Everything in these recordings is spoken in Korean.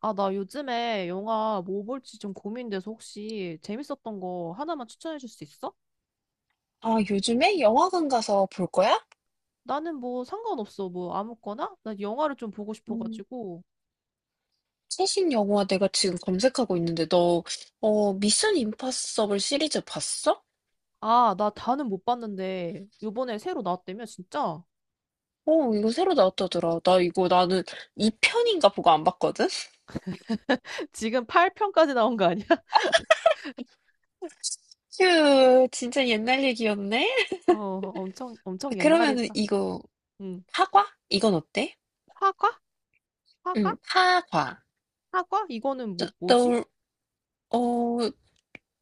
아, 나 요즘에 영화 뭐 볼지 좀 고민돼서 혹시 재밌었던 거 하나만 추천해 줄 수 있어? 아, 요즘에 영화관 가서 볼 거야? 나는 뭐 상관없어. 뭐 아무거나? 나 영화를 좀 보고 음, 싶어가지고. 최신 영화 내가 지금 검색하고 있는데 미션 임파서블 시리즈 봤어? 아, 나 다는 못 봤는데 요번에 새로 나왔다며 진짜? 어, 이거 새로 나왔다더라. 나 이거 나는 2편인가 보고 안 봤거든? 지금 8편까지 나온 거 아니야? 휴, 진짜 옛날 얘기였네? 어, 엄청 아, 엄청 그러면은 옛날이다. 이거, 응. 파과? 이건 어때? 화과? 화과? 응, 파과. 화과? 이거는 저- 뭐지? 너, 어,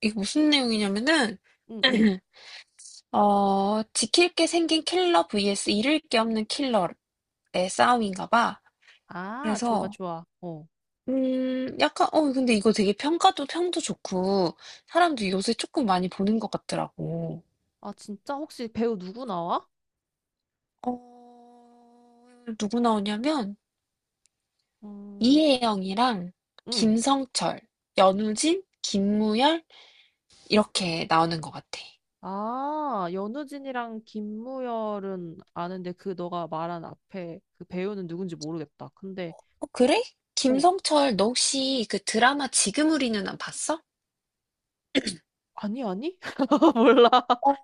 이거 무슨 내용이냐면은, 응, 응. 지킬 게 생긴 킬러 vs 잃을 게 없는 킬러의 싸움인가 봐. 아, 좋아, 그래서 좋아. 어. 약간 근데 이거 되게 평가도 평도 좋고 사람들이 요새 조금 많이 보는 것 같더라고. 아, 진짜 혹시 배우 누구 나와? 어 누구 나오냐면 음, 이혜영이랑 응. 김성철, 연우진, 김무열 이렇게 나오는 것 같아. 아, 연우진이랑 김무열은 아는데 그 너가 말한 앞에 그 배우는 누군지 모르겠다. 근데 어 그래? 어, 김성철 너 혹시 그 드라마 지금 우리 누안 봤어? 아니 아니? 몰라. 어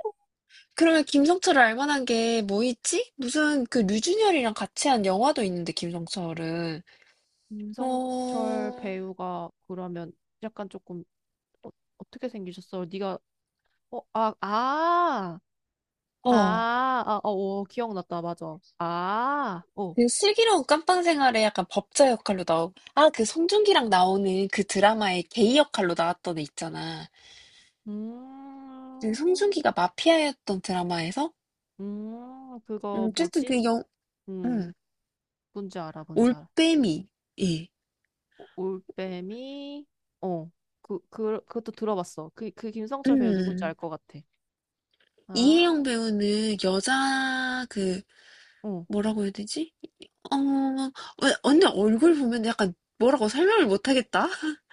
그러면 김성철을 알 만한 게 뭐 있지? 무슨 그 류준열이랑 같이 한 영화도 있는데 김성철은. 김성철 어. 배우가 그러면 약간 조금 어, 어떻게 생기셨어? 네가 어, 아, 아. 어. 아, 아, 어, 어, 기억났다. 맞아. 아, 어. 그 슬기로운 깜빵 생활에 약간 법자 역할로 나오고, 아, 그 송중기랑 나오는 그 드라마에 게이 역할로 나왔던 애 있잖아. 그 음. 송중기가 마피아였던 드라마에서, 그거 어쨌든 뭐지? 그 영, 음, 음. 뭔지 알아, 뭔지 알아. 올빼미, 예. 올빼미. 어, 그것도 들어봤어. 그 김성철 배우 누군지 음, 알 것 같아. 아, 이혜영 어. 배우는 여자, 그, 뭐라고 해야 되지? 어, 왜, 언니 얼굴 보면 약간 뭐라고 설명을 못 하겠다?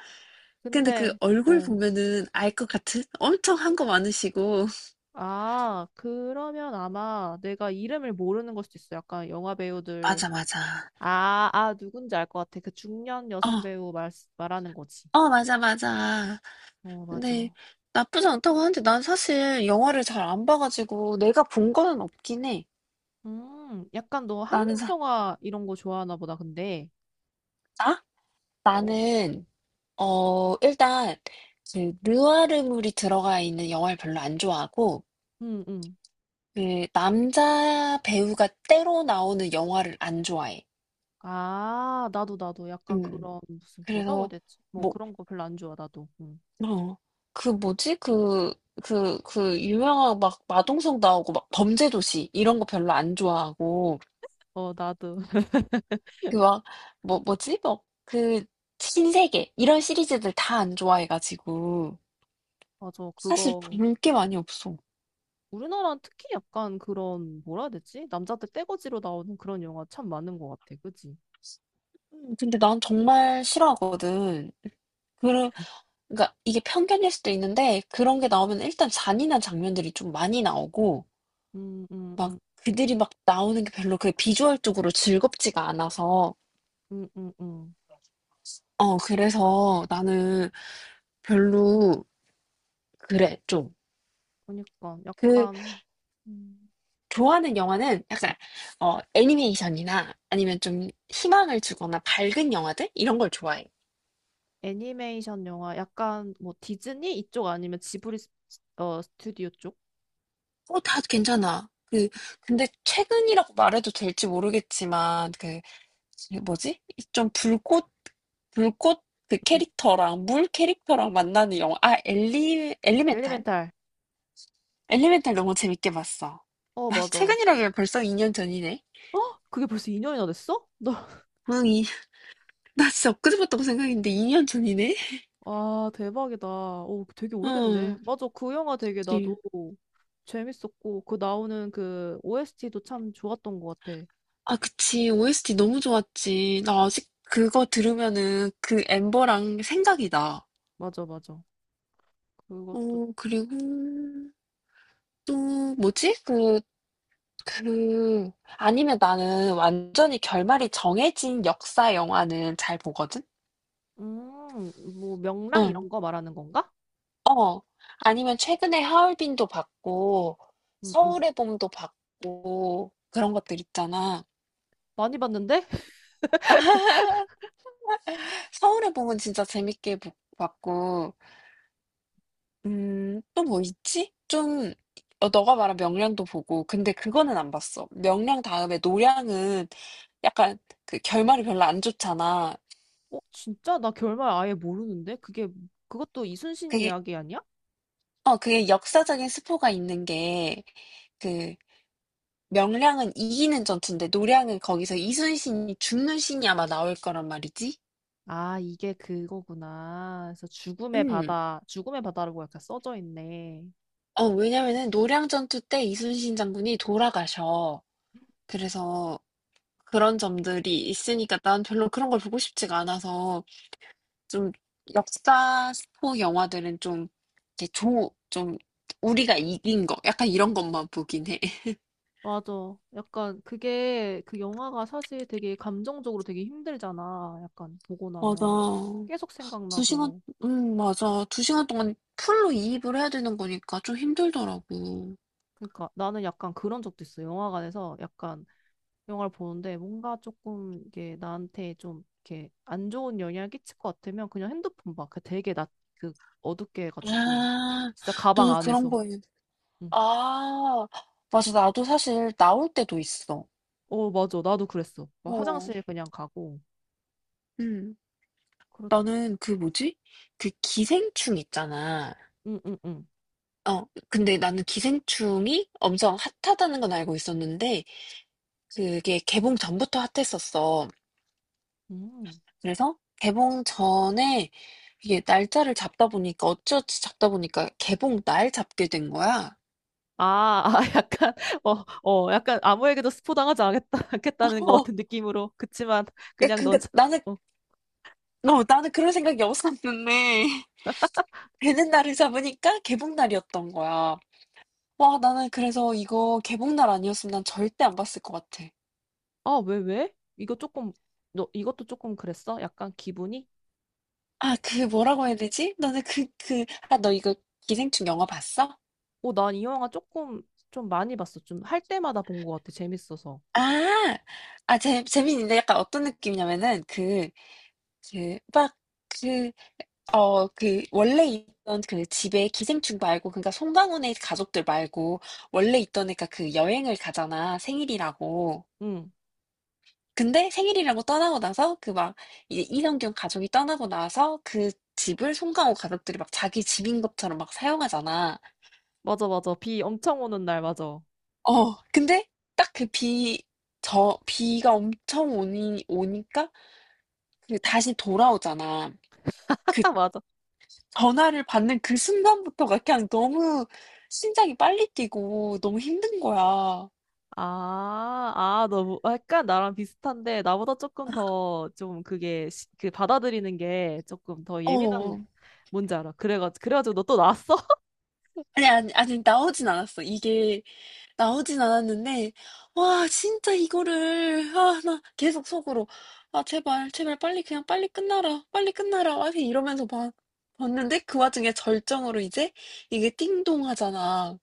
근데 그 근데 얼굴 어, 보면은 알 것 같은? 엄청 한 거 많으시고. 아, 그러면 아마 내가 이름을 모르는 걸 수도 있어. 약간 영화 배우들. 맞아, 맞아. 아아, 누군지 알 것 같아. 그 중년 어, 여성 배우 말 말하는 거지. 어, 맞아, 맞아. 어, 근데 맞아. 나쁘지 않다고 하는데 난 사실 영화를 잘 안 봐가지고 내가 본 거는 없긴 해. 음, 약간 너 나는 한국 사, 영화 이런 거 좋아하나 보다. 근데 나? 어, 나는, 어, 일단, 그, 느와르물이 들어가 있는 영화를 별로 안 좋아하고, 응, 응. 그, 남자 배우가 때로 나오는 영화를 안 좋아해. 아, 나도, 나도. 약간 음. 그런, 무슨, 뭐라고 해야 그래서, 되지? 뭐 뭐, 그런 거 별로 안 좋아, 나도. 응. 어, 그 뭐지? 그, 유명한 막 마동석 나오고 막 범죄도시 이런 거 별로 안 좋아하고, 어, 나도. 그 막, 뭐, 뭐지? 뭐, 그, 신세계. 이런 시리즈들 다 안 좋아해가지고. 맞아, 사실 그거. 볼 게 많이 없어. 우리나라는 특히 약간 그런, 뭐라 해야 되지? 남자들 떼거지로 나오는 그런 영화 참 많은 것 같아. 그지? 근데 난 정말 싫어하거든. 그러, 그러니까 이게 편견일 수도 있는데, 그런 게 나오면 일단 잔인한 장면들이 좀 많이 나오고, 음, 음, 막 음, 그들이 막 나오는 게 별로 그 비주얼적으로 즐겁지가 않아서, 음, 음, 음. 그래서 나는 별로, 그래, 좀. 그러니까 그, 약간 음, 좋아하는 영화는 약간 애니메이션이나 아니면 좀 희망을 주거나 밝은 영화들 이런 걸 좋아해. 애니메이션 영화, 약간 뭐 디즈니 이쪽 아니면 지브리 스튜디오 쪽? 어, 다 괜찮아. 그 근데 최근이라고 말해도 될지 모르겠지만 그 뭐지? 좀 불꽃 그 음, 캐릭터랑 물 캐릭터랑 만나는 영화. 아, 엘리멘탈. 엘리멘탈. 엘리멘탈 너무 재밌게 봤어. 어, 아, 맞아. 어? 최근이라면 벌써 2년 전이네. 그게 벌써 2년이나 됐어? 나 응, 이, 나 진짜 엊그제 봤다고 생각했는데 2년 전이네. 아, 대박이다. 오, 되게 오래됐네. 어... 맞아, 그 영화 되게 나도 재밌었고, 그 나오는 그 OST도 참 좋았던 것 같아. 아, 그치. OST 너무 좋았지. 나 아직 그거 들으면은 그 엠버랑 생각이 나. 맞아, 맞아. 그것도, 어, 그리고 또 뭐지? 그, 아니면 나는 완전히 결말이 정해진 역사 영화는 잘 보거든? 음, 뭐, 명랑 응. 이런 거 말하는 건가? 어. 아니면 최근에 하얼빈도 봤고, 음, 음. 서울의 봄도 봤고, 그런 것들 있잖아. 많이 봤는데? 서울의 봄은 진짜 재밌게 봤고, 또 뭐 있지? 좀 너가 말한 명량도 보고 근데 그거는 안 봤어. 명량 다음에 노량은 약간 그 결말이 별로 안 좋잖아. 어, 진짜? 나 결말 아예 모르는데? 그게, 그것도 이순신 그게 이야기 아니야? 그게 역사적인 스포가 있는 게 그 명량은 이기는 전투인데 노량은 거기서 이순신이 죽는 신이 아마 나올 거란 말이지. 아, 이게 그거구나. 그래서 죽음의 음. 바다, 죽음의 바다라고 약간 써져 있네. 왜냐면은 노량 전투 때 이순신 장군이 돌아가셔. 그래서 그런 점들이 있으니까 난 별로 그런 걸 보고 싶지가 않아서 좀 역사 스포 영화들은 좀 이렇게 좀 우리가 이긴 거 약간 이런 것만 보긴 해. 맞아. 약간 그게 그 영화가 사실 되게 감정적으로 되게 힘들잖아. 약간 보고 나면 맞아. 계속 두 시간, 생각나고. 맞아. 두 시간 동안 풀로 이입을 해야 되는 거니까 좀 힘들더라고. 그러니까 나는 약간 그런 적도 있어. 영화관에서 약간 영화를 보는데 뭔가 조금 이게 나한테 좀 이렇게 안 좋은 영향을 끼칠 것 같으면 그냥 핸드폰 봐. 그 되게 낮, 그, 어둡게 해가지고 아, 진짜 가방 너도 그런 안에서. 거에. 응. 아, 맞아. 나도 사실 나올 때도 있어. 어, 맞아. 나도 그랬어. 막 어, 화장실 그냥 가고. 음. 그렇. 나는 그 뭐지? 그 기생충 있잖아. 응응응. 근데 나는 기생충이 엄청 핫하다는 건 알고 있었는데, 그게 개봉 전부터 핫했었어. 음. 그래서 개봉 전에 이게 날짜를 잡다 보니까 어찌어찌 잡다 보니까 개봉 날 잡게 된 거야. 아, 아, 약간, 어, 어, 약간 아무에게도 스포 당하지 않겠다, 않겠다는 것 어, 같은 느낌으로. 그치만, 그냥 넌, 그니까 자- 나는, 어, 나는 그런 생각이 없었는데, 되는 날을 잡으니까 개봉 날이었던 거야. 와, 나는 그래서 이거 개봉 날 아니었으면 난 절대 안 봤을 것 같아. 아, 왜, 왜? 이거 조금, 너, 이것도 조금 그랬어? 약간 기분이? 아, 그 뭐라고 해야 되지? 너는 아, 너 이거 기생충 영화 봤어? 어, 난 이 영화 조금, 좀 많이 봤어. 좀 할 때마다 본 것 같아. 재밌어서. 아, 아, 재밌는데 약간 어떤 느낌이냐면은 그, 막 그 그 원래 있던 그 집에 기생충 말고 그러니까 송강호네 가족들 말고 원래 있던 애가 그 여행을 가잖아. 생일이라고. 응, 근데 생일이라고 떠나고 나서 그 막 이제 이성균 가족이 떠나고 나서 그 집을 송강호 가족들이 막 자기 집인 것처럼 막 사용하잖아. 맞아, 맞아. 비 엄청 오는 날, 맞아. 어. 근데 딱 그 비 저 비가 엄청 오니까 그 다시 돌아오잖아. 그 맞아. 전화를 받는 그 순간부터가 그냥 너무 심장이 빨리 뛰고 너무 힘든 거야. 아, 아, 너무, 아, 약간 나랑 비슷한데, 나보다 조금 더, 좀 그게, 그 받아들이는 게 조금 더 예민한, 어. 뭔지 알아. 그래가지고 너 또 나왔어? 아니, 아니, 아니, 나오진 않았어. 이게 나오진 않았는데, 와, 진짜 이거를, 아, 나 계속 속으로, 아, 제발, 제발, 빨리, 그냥 빨리 끝나라, 빨리 끝나라, 막 이러면서 봤는데, 그 와중에 절정으로 이제, 이게 띵동 하잖아.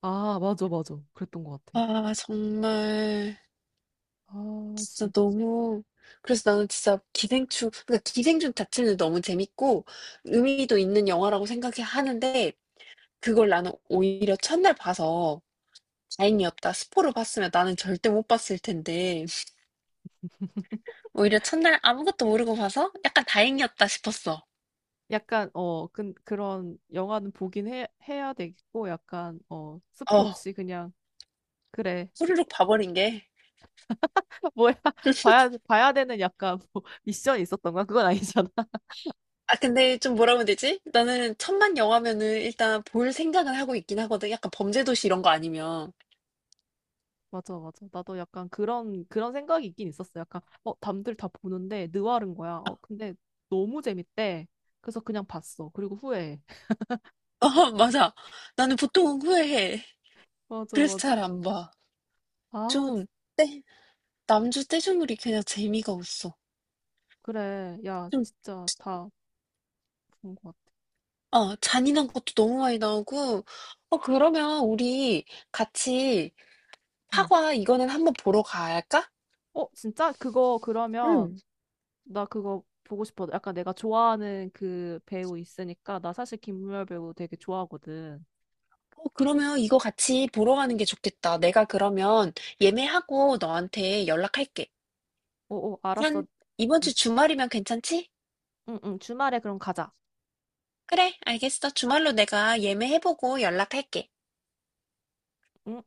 아, 맞아, 맞아. 그랬던 것 같아. 아, 정말. 아, 진짜 진 너무 그래서 나는 진짜 기생충 그러니까 기생충 자체는 너무 재밌고 의미도 있는 영화라고 생각해 하는데 그걸 나는 오히려 첫날 봐서 다행이었다. 스포를 봤으면 나는 절대 못 봤을 텐데 오히려 첫날 아무것도 모르고 봐서 약간 다행이었다 싶었어. 약간, 어, 그, 그런 영화는 보긴 해, 해야 되겠고, 약간, 어, 스포 어, 없이 그냥, 그래. 그, 후루룩 봐버린 게. 뭐야. 봐야, 봐야 되는 약간, 뭐, 미션이 있었던 거야? 그건 아니잖아. 아, 근데 좀 뭐라고 해야 되지? 나는 천만 영화면은 일단 볼 생각을 하고 있긴 하거든. 약간 범죄도시 이런 거 아니면. 맞아, 맞아. 나도 약간 그런, 그런 생각이 있긴 있었어. 약간, 어, 남들 다 보는데, 느와르인 거야. 어, 근데 너무 재밌대. 그래서 그냥 봤어. 그리고 후회해. 어, 맞아. 나는 보통은 후회해. 맞아, 그래서 맞아. 잘 안 봐. 아. 좀 때 남주 떼주물이 그냥 재미가 없어. 그래. 야, 좀 진짜 다 본 것 같아. 잔인한 것도 너무 많이 나오고. 그러면 우리 같이 어. 파과 이거는 한번 보러 갈까? 어, 진짜? 그거 그러면 응. 나 그거 보고 싶어. 약간 내가 좋아하는 그 배우 있으니까 나 사실 김무열 배우 되게 좋아하거든. 그러면 이거 같이 보러 가는 게 좋겠다. 내가 그러면 예매하고 너한테 연락할게. 어, 어, 알았어. 한 이번 응, 주 주말이면 괜찮지? 응, 응. 주말에 그럼 가자. 그래, 알겠어. 주말로 내가 예매해보고 연락할게. 응.